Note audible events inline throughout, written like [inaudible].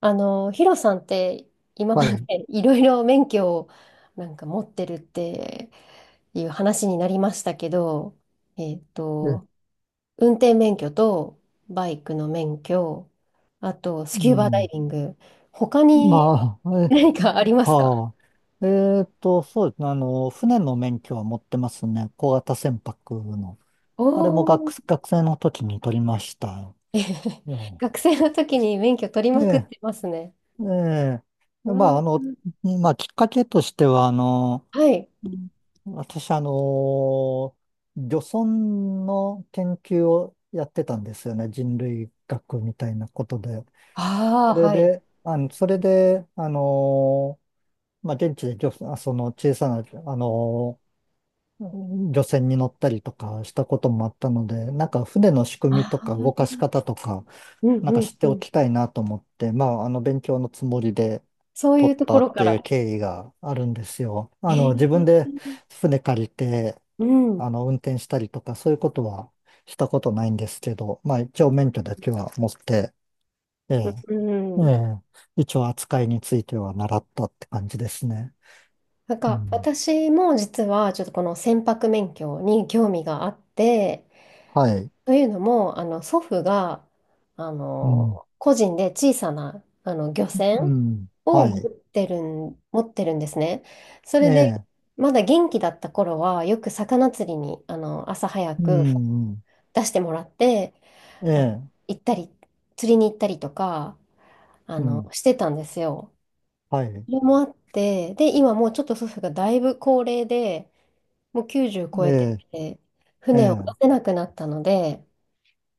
ヒロさんって今はまい。でいろいろ免許をなんか持ってるっていう話になりましたけど、えっえ、と、運転免許とバイクの免許、あとスキうューバダん。イビング、他にまあ、何かありますか？はあ。そうですね。船の免許は持ってますね。小型船舶の。おあれもー、学生の時に取りました [laughs] えへへ。よ。学生の時に免許取りえまくっえ、てますね。えうえ。まわあ、ー。まあ、きっかけとしては、はい。うん私、漁村の研究をやってたんですよね。人類学みたいなことで。あそあ、れはい。で、あの、それで、あの、まあ、現地で漁船、あその小さな、あの、漁船に乗ったりとかしたこともあったので、なんか船の仕組あみとあ、か動かし方とか、うんなんうか知んってうおん。きたいなと思って、まあ、勉強のつもりでそうい取うっとたこっろかていら。う経緯があるんですよ。え自分ーで船借りて、うん。運転したりとか、そういうことはしたことないんですけど、まあ、一応免許だけは持って、ええ、うえん。え、一応扱いについては習ったって感じですね。なんうかん。私も実はちょっとこの船舶免許に興味があって、はい。というのも祖父がうん、個人で小さな漁う船ん、をは持い。ってるん、持ってるんですね。そえれでえ、まだ元気だった頃はよく魚釣りに朝早うくん、うん、出してもらってえあのえ、行ったり釣りに行ったりとかうん、してたんですよ。はい。それもあって、で、今もうちょっと祖父がだいぶ高齢で、もう90超ええてえ、て、え船を出え、せなくなったので、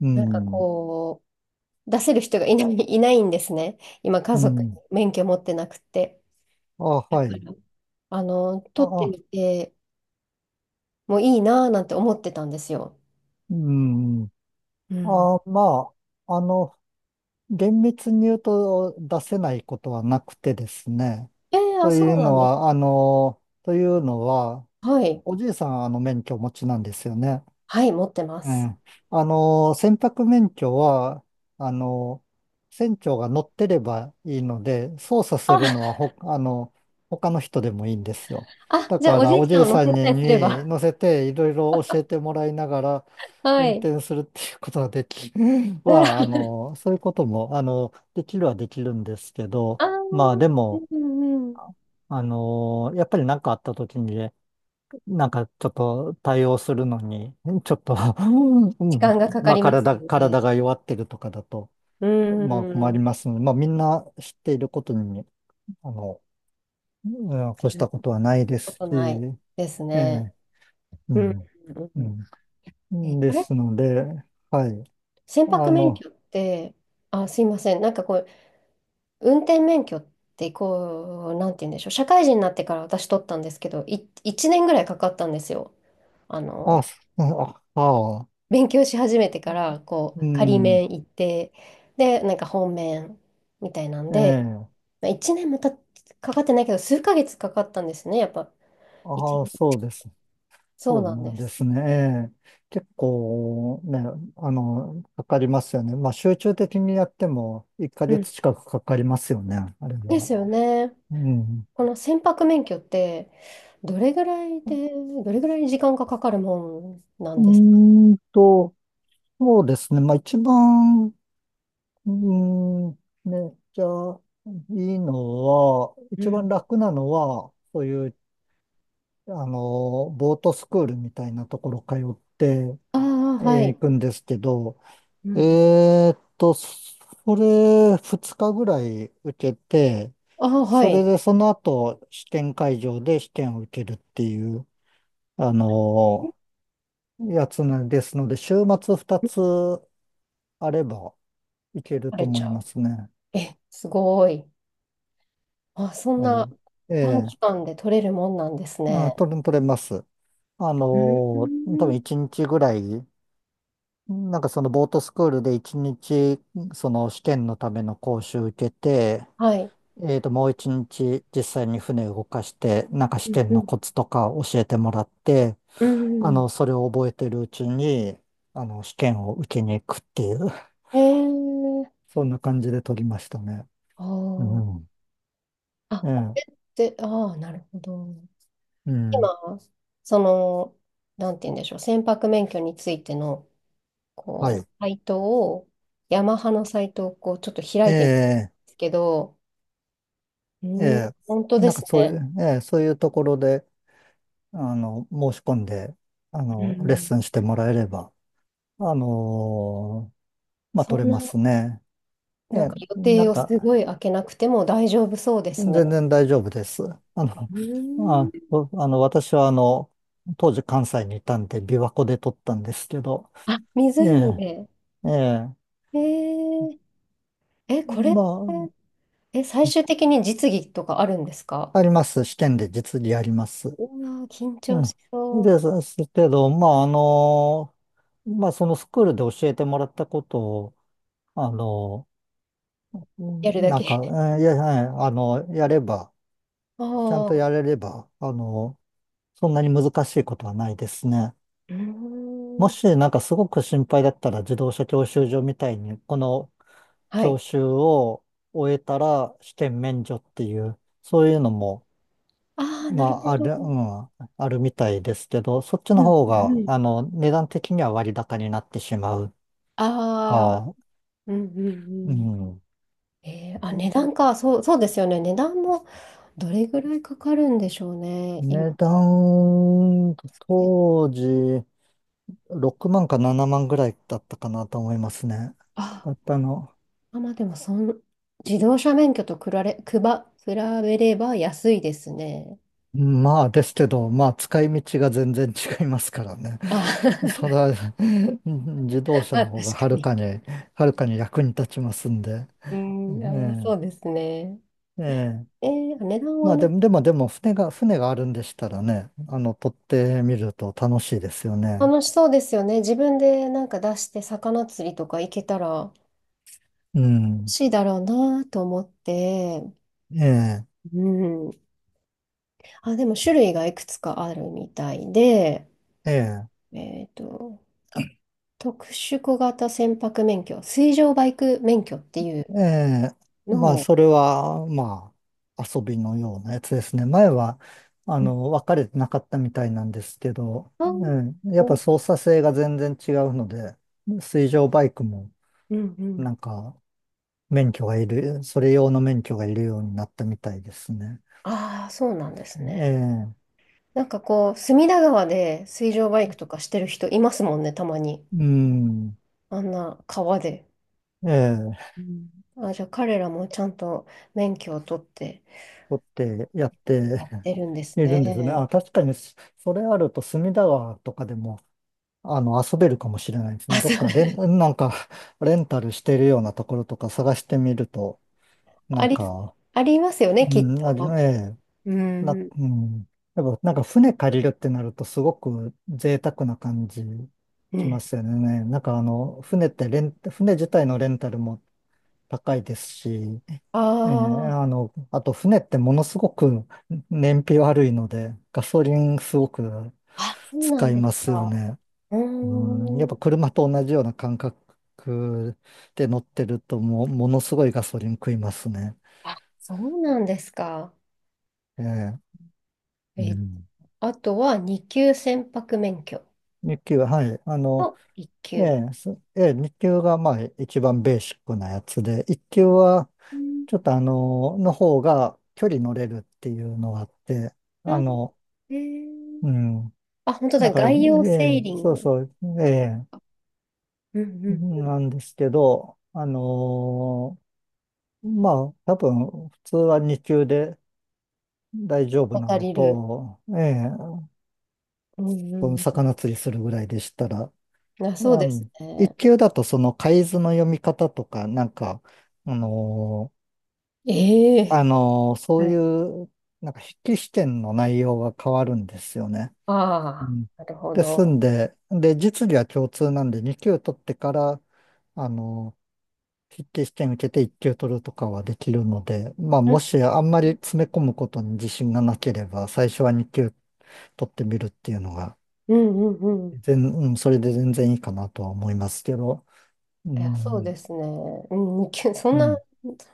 うなんかん、こう、出せる人がいないんですね。今、家う族、ん、免許持ってなくて。あ、だかはい。ら、取ってあ、みてもいいなぁなんて思ってたんですよ。うん、うん。まあ、厳密に言うと出せないことはなくてですね。あ、とそいううなのんです。は、あの、というのは、はい。おじいさんはあの免許をお持ちなんですよね。はい、持ってまえす。え、船舶免許は、あの、船長が乗ってればいいので、操作するのあ、はほ、あの、他の人でもいいんですよ。あ、だじゃあかおじら、いおちじゃんいを乗させんたにりすれにば。乗せて、いろいろ教えてもらいながら、は運い。転するっていうことができ、[laughs] なら、は、あの、そういうことも、できるはできるんですけど、あまあ、ー、でも、うんうん。やっぱり何かあった時にね、なんかちょっと対応するのに、ちょっと [laughs] う時ん、間がかかまあります体、ので、体が弱ってるとかだと、うまあ困りん。ますので、まあみんな知っていることに、あの、うん越しやたたことはないでこすとないし、ですえね。え、ううん。ん、うん。うん。でこれ、すので、はい。船舶あ免の、許って、あ、すいません、なんかこう、運転免許ってこう、なんて言うんでしょう、社会人になってから私取ったんですけど、1年ぐらいかかったんですよ。ああ、の、すあ、あ、勉強し始めてから、こうう、仮ん、免行って、で、なんか本免みたいなんえで、え、まあ、1年かかってないけど、数ヶ月かかったんですね、やっぱ。いちああ、ねんそうです。そそううなんなんでです。すね。ええ、結構ね、かかりますよね。まあ集中的にやっても1うヶん。月近くかかりますよね、あれでは。すよね。うん。この船舶免許って、どれぐらいで、どれぐらい時間がかかるもんなうんですか？ーんと、そうですね。まあ一番、うーん、ね、じゃあ、いいのは、う一番ん、楽なのは、そういう、ボートスクールみたいなところ通って、ああ、は行い。くんですけど、うん。それ2日ぐらい受けて、ああ、はそれい。でその後試験会場で試験を受けるっていう、あのやつなんですので、週末2つあればいけると取れち思ゃいまう。すね。え、すごい。あ、そんはない。え短期え間で取れるもんなんですね。取れます。あのうんう多分ん、1日ぐらい、なんかそのボートスクールで1日、その試験のための講習受けて、はい。もう一日実際に船を動かして、なんかう試ん験うのコんツとか教えてもらって、うん。それを覚えてるうちに、試験を受けに行くっていう、えー、[laughs] そんな感じで取りましたね。あうー、ん。あ、えこえ、れって、ああ、なるほど。うん。今、その、なんて言うんでしょう、船舶免許についてのはこう、い。サイトを、ヤマハのサイトをこう、ちょっとえ開いてみたんでえ、すけど、えうん、え、本当ですね。そういうところで、申し込んで、うレッん。スンしてもらえれば、あのまあ、そ取んれまな、すね。えなんえ、か予な定んをすか、ごい開けなくても大丈夫そうですね。全然大丈夫です。あの、うあ、ん。おあの、私は当時関西にいたんで、琵琶湖で撮ったんですけど、あ、え湖え、で。ええ、えー、え、これっまて、あ、え、最終的に実技とかあるんですか？あります。試験で実技あります。うわー、緊う張ん。しそう。ですけど、まあ、まあ、そのスクールで教えてもらったことを、あの、やるだなけ。ん [laughs] か、えいや、はいあの、やれば、ちゃんあとあ、やうれれば、そんなに難しいことはないですね。ーもん。しなんかすごく心配だったら、自動車教習所みたいにこのは教い。習を終えたら試験免除っていう、そういうのもああ、まなるほああど。る、ううんん、あるみたいですけど、そっちうのん方うがん。値段的には割高になってしまうああ。か、うんううんうん。ん、あ、値段か。そう、そうですよね。値段もどれぐらいかかるんでしょうね。今。値段当時6万か7万ぐらいだったかなと思いますね。かあ、かったの。あ、まあでも自動車免許と比べれば安いですね。まあですけど、まあ使い道が全然違いますからね。あ、[laughs] それは [laughs] うん、自動 [laughs] 車まあの確か方がはるに。かに、はるかに役に立ちますんで。うん、あ、まあそうえですね。え、ええ。値段まはあなんでかも、でも、でも船があるんでしたらね、取ってみると楽しいですよね。楽しそうですよね。自分でなんか出して魚釣りとか行けたら楽うん。しいだろうなと思って。ええ、うん。あ、でも種類がいくつかあるみたいで、ええ。えっと、特殊小型船舶免許、水上バイク免許っていうええ、のまあ、も、それは、まあ、遊びのようなやつですね。前は、うん。分かれてなかったみたいなんですけど、あー、ええ、やっぱお、操作性が全然違うので、水上バイクも、うんうなん。んか、免許がいる、それ用の免許がいるようになったみたいですね。ああ、そうなんですね。ええ、なんかこう、隅田川で水上バイクとかしてる人いますもんね、たまに。うん、あんな川で。ええ、うん。あ、じゃあ彼らもちゃんと免許を取って取ってやってやってるんですいるんですね。ね。あ、確かに、それあると、隅田川とかでも、遊べるかもしれないですね。あ、どそっう、かレン、[laughs] なんか、レンタルしてるようなところとか探してみると、なあんり、か、ありますよね、うきっん、あと。の、ええ、うな、ん。うん、やっぱなんか船借りるってなるとすごく贅沢な感じうしまん。すよね。船自体のレンタルも高いですし、あええ、あ、あと船ってものすごく燃費悪いので、ガソリンすごくあ、そうなん使いですますよか。ね。ううん、やっーぱん。車と同じような感覚で乗ってるともう、ものすごいガソリン食いますね。あ、そうなんですか。ええ、えうっと、ん。あとは2級船舶免許日給は、はい。あの、と1え級。え、すええ、日給がまあ一番ベーシックなやつで、一級はうん。ちょっとの方が距離乗れるっていうのがあって、ああ、の、えー、うん。あ、本当だだ。から、え外洋セえ、ーリンそうグ。そう、ええ、うんうん。なんですけど、ま多分、普通は2級で、大丈夫な渡のりる。と、ええ、うんそのう魚釣りするぐらいでしたら、あん。あ、そうですの、一ね。級だとその海図の読み方とか、なんか、あのーええ、そはういい。う、なんか筆記試験の内容が変わるんですよね。うああ、ん。なるほですんど。で、で、実技は共通なんで、二級取ってから、あのー筆記試験受けて一級取るとかはできるので、まあ、うんもしあんまり詰め込むことに自信がなければ、最初は二級取ってみるっていうのが、うんうんうん。うん、それで全然いいかなとは思いますけど、ういや、そうでん、すね。うん、二級そんうな、ん。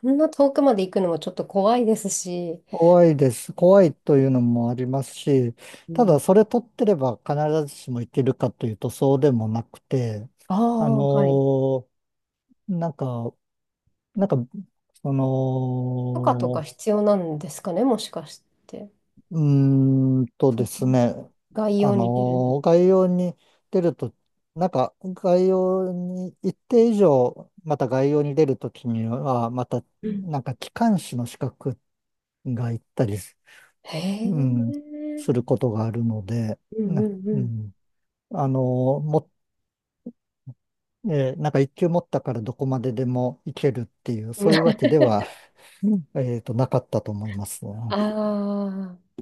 そんな遠くまで行くのもちょっと怖いですし。怖いです。怖いというのもありますし、うただん。それ取ってれば必ずしもいけるかというとそうでもなくて、ああのあ、はい。ーなんか、なんか、そ許可とかの、必要なんですかね、もしかして。うーんとそでんなすね、概あ要に出るんだ。のー概要に出ると、概要に一定以上、また概要に出るときには、またうん。機関士の資格がいったりす、へうん、え。することがあるので、うんな、うんううん。ん、あのーも、えーなんか一級持ったからどこまででも行けるっていう、そういうわ [laughs] けでは、なかったと思いますね。ああ。